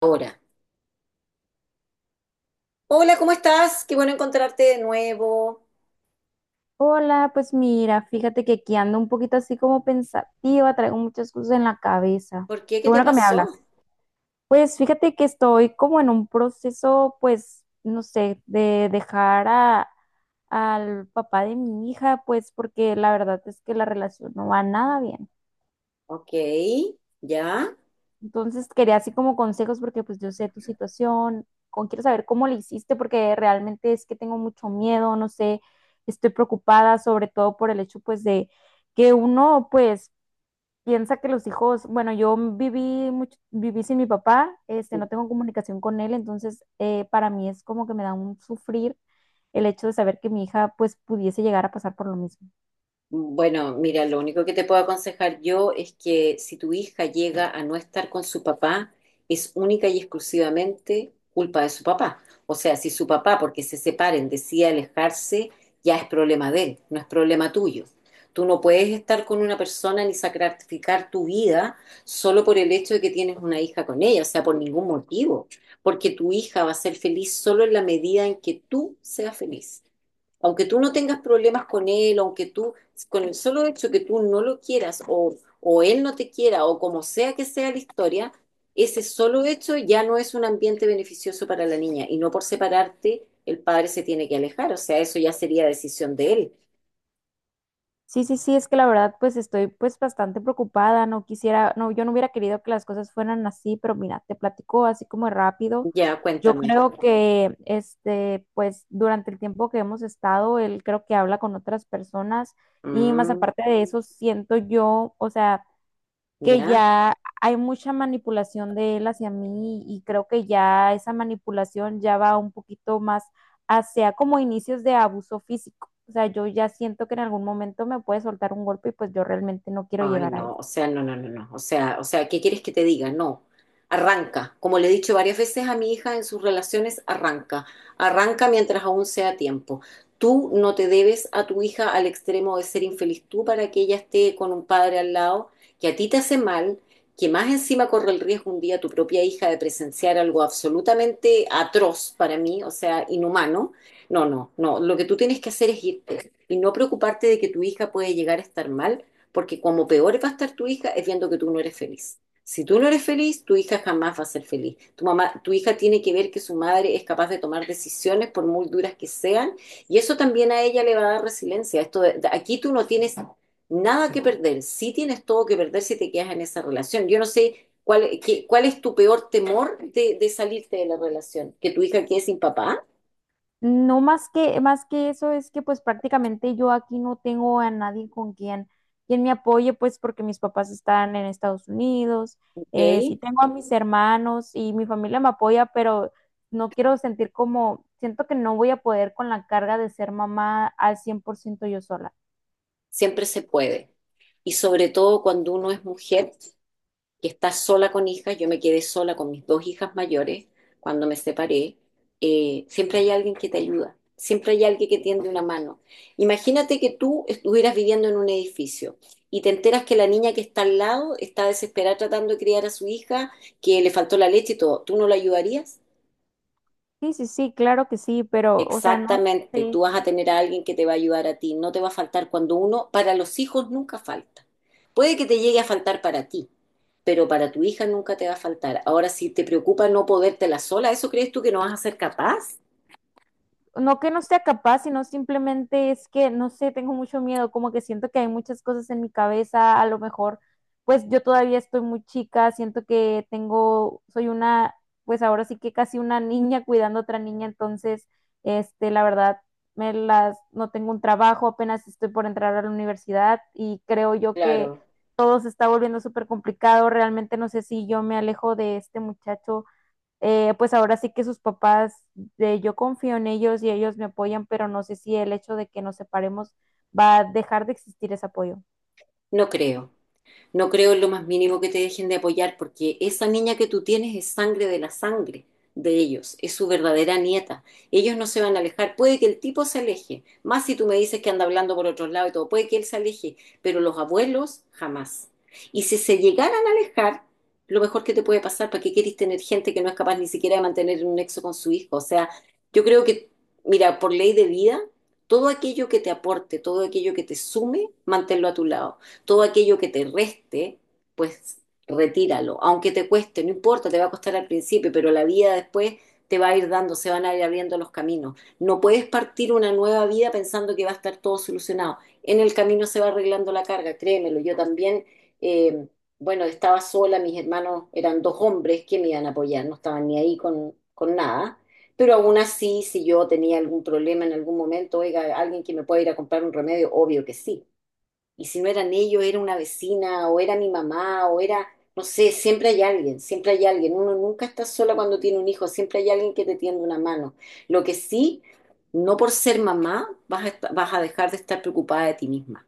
Ahora. Hola, ¿cómo estás? Qué bueno encontrarte de nuevo. Hola, pues mira, fíjate que aquí ando un poquito así como pensativa, traigo muchas cosas en la cabeza. ¿Por qué? Qué ¿Qué te bueno que me hablas. pasó? Pues fíjate que estoy como en un proceso, pues, no sé, de al papá de mi hija, pues porque la verdad es que la relación no va nada bien. Ok, ya. Entonces quería así como consejos porque pues yo sé tu situación, quiero saber cómo le hiciste porque realmente es que tengo mucho miedo, no sé, estoy preocupada sobre todo por el hecho pues de que uno pues piensa que los hijos, bueno, yo viví mucho, viví sin mi papá, este, no tengo comunicación con él, entonces para mí es como que me da un sufrir el hecho de saber que mi hija pues pudiese llegar a pasar por lo mismo. Bueno, mira, lo único que te puedo aconsejar yo es que si tu hija llega a no estar con su papá, es única y exclusivamente culpa de su papá. O sea, si su papá, porque se separen, decide alejarse, ya es problema de él, no es problema tuyo. Tú no puedes estar con una persona ni sacrificar tu vida solo por el hecho de que tienes una hija con ella, o sea, por ningún motivo, porque tu hija va a ser feliz solo en la medida en que tú seas feliz. Aunque tú no tengas problemas con él, aunque tú, con el solo hecho que tú no lo quieras o él no te quiera o como sea que sea la historia, ese solo hecho ya no es un ambiente beneficioso para la niña y no por separarte el padre se tiene que alejar, o sea, eso ya sería decisión de él. Sí, sí, sí, es que la verdad pues estoy pues bastante preocupada, no quisiera, no, yo no hubiera querido que las cosas fueran así, pero mira, te platico así como rápido. Ya, Yo cuéntame. creo que este pues durante el tiempo que hemos estado, él creo que habla con otras personas y más Mm, aparte de eso siento yo, o sea, que ya. ya hay mucha manipulación de él hacia mí y creo que ya esa manipulación ya va un poquito más hacia como inicios de abuso físico. O sea, yo ya siento que en algún momento me puede soltar un golpe y pues yo realmente no quiero Ay, llegar a eso. no, o sea, no, no, no, no. O sea, ¿qué quieres que te diga? No. Arranca. Como le he dicho varias veces a mi hija en sus relaciones, arranca. Arranca mientras aún sea tiempo. Tú no te debes a tu hija al extremo de ser infeliz tú para que ella esté con un padre al lado que a ti te hace mal, que más encima corre el riesgo un día tu propia hija de presenciar algo absolutamente atroz para mí, o sea, inhumano. No, no, no. Lo que tú tienes que hacer es irte y no preocuparte de que tu hija puede llegar a estar mal porque como peor va a estar tu hija es viendo que tú no eres feliz. Si tú no eres feliz, tu hija jamás va a ser feliz. Tu mamá, tu hija tiene que ver que su madre es capaz de tomar decisiones por muy duras que sean, y eso también a ella le va a dar resiliencia. Aquí tú no tienes nada que perder, sí tienes todo que perder si te quedas en esa relación. Yo no sé cuál, cuál es tu peor temor de salirte de la relación, que tu hija quede sin papá, No más que, más que eso es que pues prácticamente yo aquí no tengo a nadie con quien me apoye, pues porque mis papás están en Estados Unidos, ¿ok? Sí tengo a mis hermanos y mi familia me apoya, pero no quiero sentir como, siento que no voy a poder con la carga de ser mamá al 100% yo sola. Siempre se puede. Y sobre todo cuando uno es mujer. Que está sola con hijas, yo me quedé sola con mis dos hijas mayores cuando me separé, siempre hay alguien que te ayuda, siempre hay alguien que tiende una mano. Imagínate que tú estuvieras viviendo en un edificio y te enteras que la niña que está al lado está desesperada tratando de criar a su hija, que le faltó la leche y todo, ¿tú no la ayudarías? Sí, sí, sí, claro que sí, pero o sea, no Exactamente, tú sé. vas a tener a alguien que te va a ayudar a ti, no te va a faltar cuando uno, para los hijos nunca falta. Puede que te llegue a faltar para ti, pero para tu hija nunca te va a faltar. Ahora, si te preocupa no podértela sola, ¿eso crees tú que no vas a ser capaz? No que no sea capaz, sino simplemente es que, no sé, tengo mucho miedo, como que siento que hay muchas cosas en mi cabeza, a lo mejor, pues yo todavía estoy muy chica, siento que tengo, soy una, pues ahora sí que casi una niña cuidando a otra niña, entonces, este, la verdad, me las, no tengo un trabajo, apenas estoy por entrar a la universidad y creo yo que Claro. todo se está volviendo súper complicado, realmente no sé si yo me alejo de este muchacho pues ahora sí que sus yo confío en ellos y ellos me apoyan, pero no sé si el hecho de que nos separemos va a dejar de existir ese apoyo. No creo. No creo en lo más mínimo que te dejen de apoyar, porque esa niña que tú tienes es sangre de la sangre de ellos, es su verdadera nieta. Ellos no se van a alejar, puede que el tipo se aleje, más si tú me dices que anda hablando por otros lados y todo, puede que él se aleje, pero los abuelos jamás. Y si se llegaran a alejar, lo mejor que te puede pasar, ¿para qué querés tener gente que no es capaz ni siquiera de mantener un nexo con su hijo? O sea, yo creo que, mira, por ley de vida, todo aquello que te aporte, todo aquello que te sume, manténlo a tu lado. Todo aquello que te reste, pues retíralo. Aunque te cueste, no importa, te va a costar al principio, pero la vida después te va a ir dando, se van a ir abriendo los caminos. No puedes partir una nueva vida pensando que va a estar todo solucionado. En el camino se va arreglando la carga, créemelo. Yo también, eh, bueno, estaba sola, mis hermanos eran dos hombres que me iban a apoyar, no estaban ni ahí con nada. Pero aún así, si yo tenía algún problema en algún momento, oiga, alguien que me pueda ir a comprar un remedio, obvio que sí. Y si no eran ellos, era una vecina, o era mi mamá, o era, no sé, siempre hay alguien, siempre hay alguien. Uno nunca está sola cuando tiene un hijo, siempre hay alguien que te tiende una mano. Lo que sí, no por ser mamá vas a, vas a dejar de estar preocupada de ti misma.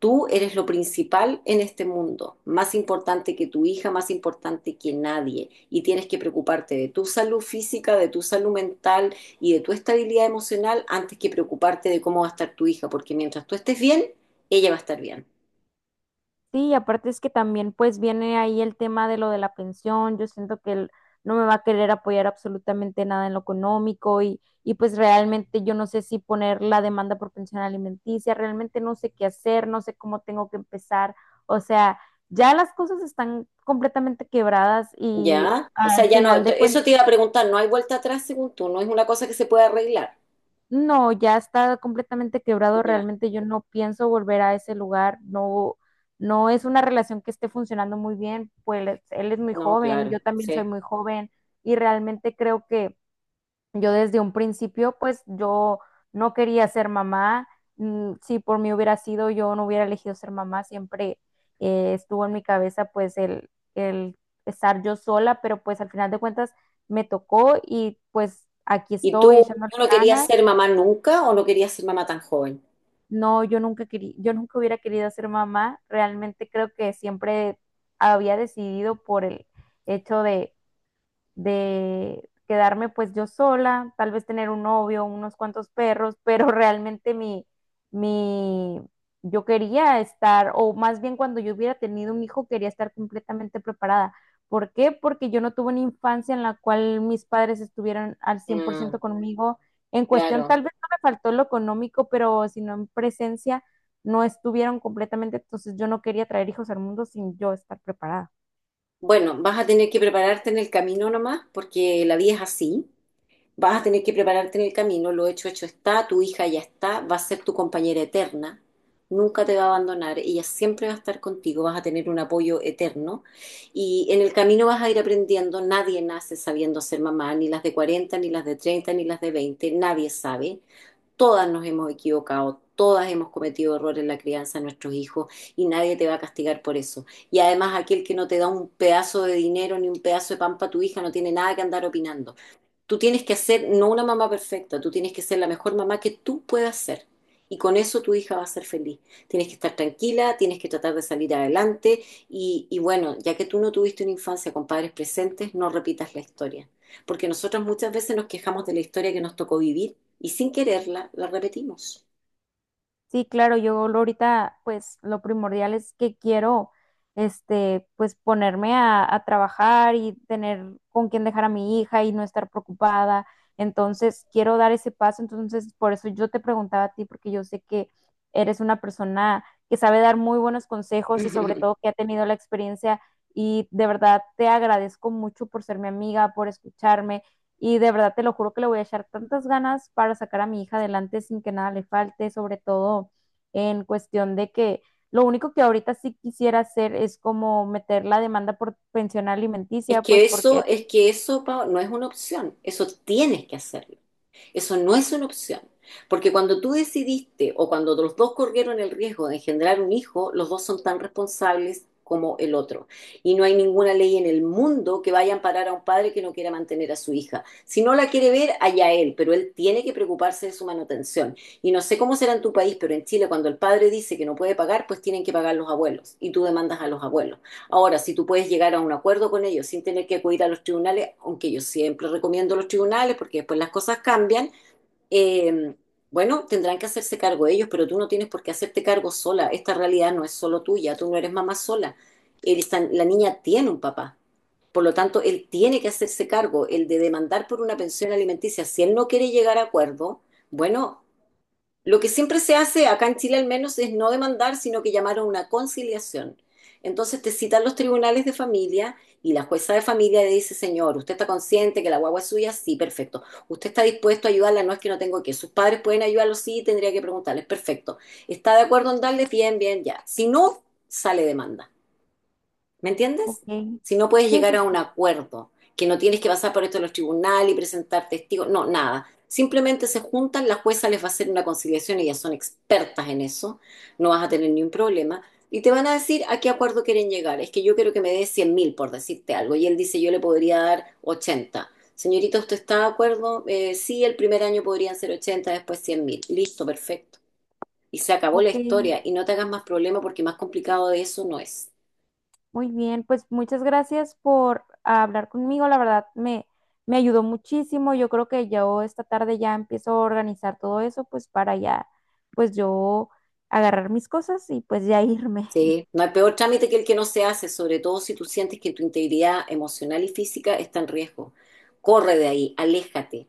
Tú eres lo principal en este mundo, más importante que tu hija, más importante que nadie. Y tienes que preocuparte de tu salud física, de tu salud mental y de tu estabilidad emocional antes que preocuparte de cómo va a estar tu hija, porque mientras tú estés bien, ella va a estar bien. Sí, y aparte es que también pues viene ahí el tema de lo de la pensión, yo siento que él no me va a querer apoyar absolutamente nada en lo económico y pues realmente yo no sé si poner la demanda por pensión alimenticia, realmente no sé qué hacer, no sé cómo tengo que empezar, o sea, ya las cosas están completamente quebradas y Ya, o sea, al ya no, final de eso cuentas. te iba a preguntar, no hay vuelta atrás según tú, no es una cosa que se pueda arreglar. No, ya está completamente quebrado. Ya, Realmente yo no pienso volver a ese lugar. No, no es una relación que esté funcionando muy bien. Pues él es muy no, joven, claro, yo también soy sí. muy joven y realmente creo que yo desde un principio, pues yo no quería ser mamá. Mm, si por mí hubiera sido, yo no hubiera elegido ser mamá. Siempre estuvo en mi cabeza, pues el estar yo sola, pero pues al final de cuentas me tocó y pues aquí ¿Y estoy tú, echándole tú no querías ganas. ser mamá nunca o no querías ser mamá tan joven? No, yo nunca hubiera querido ser mamá. Realmente creo que siempre había decidido por el hecho de quedarme pues yo sola, tal vez tener un novio, unos cuantos perros, pero realmente mi, yo quería estar, o más bien cuando yo hubiera tenido un hijo, quería estar completamente preparada. ¿Por qué? Porque yo no tuve una infancia en la cual mis padres estuvieran al cien por Mm, ciento conmigo. En cuestión, claro. tal vez no me faltó lo económico, pero sino en presencia no estuvieron completamente, entonces yo no quería traer hijos al mundo sin yo estar preparada. Bueno, vas a tener que prepararte en el camino nomás porque la vida es así. Vas a tener que prepararte en el camino, lo hecho, hecho está, tu hija ya está, va a ser tu compañera eterna, nunca te va a abandonar, ella siempre va a estar contigo, vas a tener un apoyo eterno y en el camino vas a ir aprendiendo, nadie nace sabiendo ser mamá, ni las de 40, ni las de 30, ni las de 20. Nadie sabe, todas nos hemos equivocado. Todas hemos cometido errores en la crianza de nuestros hijos y nadie te va a castigar por eso. Y además aquel que no te da un pedazo de dinero ni un pedazo de pan para tu hija no tiene nada que andar opinando. Tú tienes que hacer, no una mamá perfecta, tú tienes que ser la mejor mamá que tú puedas ser. Y con eso tu hija va a ser feliz. Tienes que estar tranquila, tienes que tratar de salir adelante. Y bueno, ya que tú no tuviste una infancia con padres presentes, no repitas la historia. Porque nosotros muchas veces nos quejamos de la historia que nos tocó vivir y sin quererla la repetimos. Sí, claro, yo lo ahorita, pues lo primordial es que quiero, este, pues ponerme a trabajar y tener con quién dejar a mi hija y no estar preocupada. Entonces, quiero dar ese paso. Entonces, por eso yo te preguntaba a ti, porque yo sé que eres una persona que sabe dar muy buenos consejos y sobre todo que ha tenido la experiencia y de verdad te agradezco mucho por ser mi amiga, por escucharme y de verdad te lo juro que le voy a echar tantas ganas para sacar a mi hija adelante sin que nada le falte, sobre todo en cuestión de que lo único que ahorita sí quisiera hacer es como meter la demanda por pensión alimenticia, pues porque, es que eso, Pao, no es una opción, eso tienes que hacerlo. Eso no es una opción. Porque cuando tú decidiste o cuando los dos corrieron el riesgo de engendrar un hijo, los dos son tan responsables como el otro. Y no hay ninguna ley en el mundo que vaya a amparar a un padre que no quiera mantener a su hija. Si no la quiere ver, allá él, pero él tiene que preocuparse de su manutención. Y no sé cómo será en tu país, pero en Chile cuando el padre dice que no puede pagar, pues tienen que pagar los abuelos y tú demandas a los abuelos. Ahora, si tú puedes llegar a un acuerdo con ellos sin tener que acudir a los tribunales, aunque yo siempre recomiendo los tribunales porque después las cosas cambian, eh, bueno, tendrán que hacerse cargo ellos, pero tú no tienes por qué hacerte cargo sola. Esta realidad no es solo tuya, tú no eres mamá sola. La niña tiene un papá. Por lo tanto, él tiene que hacerse cargo, el de demandar por una pensión alimenticia. Si él no quiere llegar a acuerdo, bueno, lo que siempre se hace, acá en Chile al menos, es no demandar, sino que llamar a una conciliación. Entonces te citan los tribunales de familia y la jueza de familia le dice, señor, ¿usted está consciente que la guagua es suya? Sí, perfecto. ¿Usted está dispuesto a ayudarla? No es que no tengo que. Sus padres pueden ayudarlo, sí, tendría que preguntarles. Perfecto. ¿Está de acuerdo en darles? Bien, bien, ya. Si no, sale demanda. ¿Me ok, entiendes? Si no puedes sí, llegar sí, a un sí, acuerdo, que no tienes que pasar por esto de los tribunales y presentar testigos, no, nada. Simplemente se juntan, la jueza les va a hacer una conciliación, ellas son expertas en eso, no vas a tener ni un problema, y te van a decir a qué acuerdo quieren llegar. Es que yo quiero que me dé 100.000, por decirte algo, y él dice, yo le podría dar 80. Señorita, ¿usted está de acuerdo? Sí, el primer año podrían ser 80, después 100.000. Listo, perfecto. Y se acabó la ok, historia, y no te hagas más problema porque más complicado de eso no es. muy bien, pues muchas gracias por hablar conmigo, la verdad me, me ayudó muchísimo, yo creo que yo esta tarde ya empiezo a organizar todo eso, pues para ya, pues yo agarrar mis cosas y pues ya irme. Sí, no hay peor trámite que el que no se hace, sobre todo si tú sientes que tu integridad emocional y física está en riesgo. Corre de ahí, aléjate,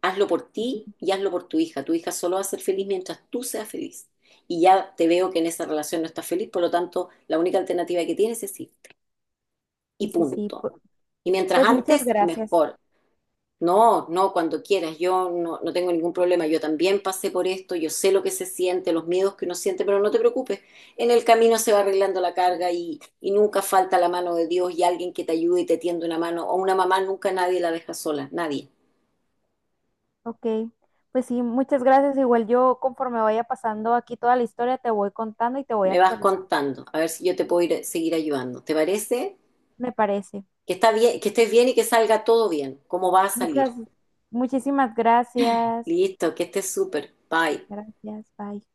hazlo por ti y hazlo por tu hija. Tu hija solo va a ser feliz mientras tú seas feliz. Y ya te veo que en esa relación no estás feliz, por lo tanto, la única alternativa que tienes es irte. Y Sí, sí, sí. punto. Y mientras Pues muchas antes, gracias. mejor. No, no, cuando quieras, yo no, no tengo ningún problema, yo también pasé por esto, yo sé lo que se siente, los miedos que uno siente, pero no te preocupes, en el camino se va arreglando la carga y nunca falta la mano de Dios y alguien que te ayude y te tiende una mano, o una mamá nunca nadie la deja sola, nadie. Ok. Pues sí, muchas gracias. Igual yo conforme vaya pasando aquí toda la historia, te voy contando y te voy Me vas actualizando. contando, a ver si yo te puedo ir, seguir ayudando. ¿Te parece? Me parece. Que está bien, que estés bien y que salga todo bien, como va a Muchas, salir. muchísimas gracias. Listo, que estés súper, bye. Gracias. Bye.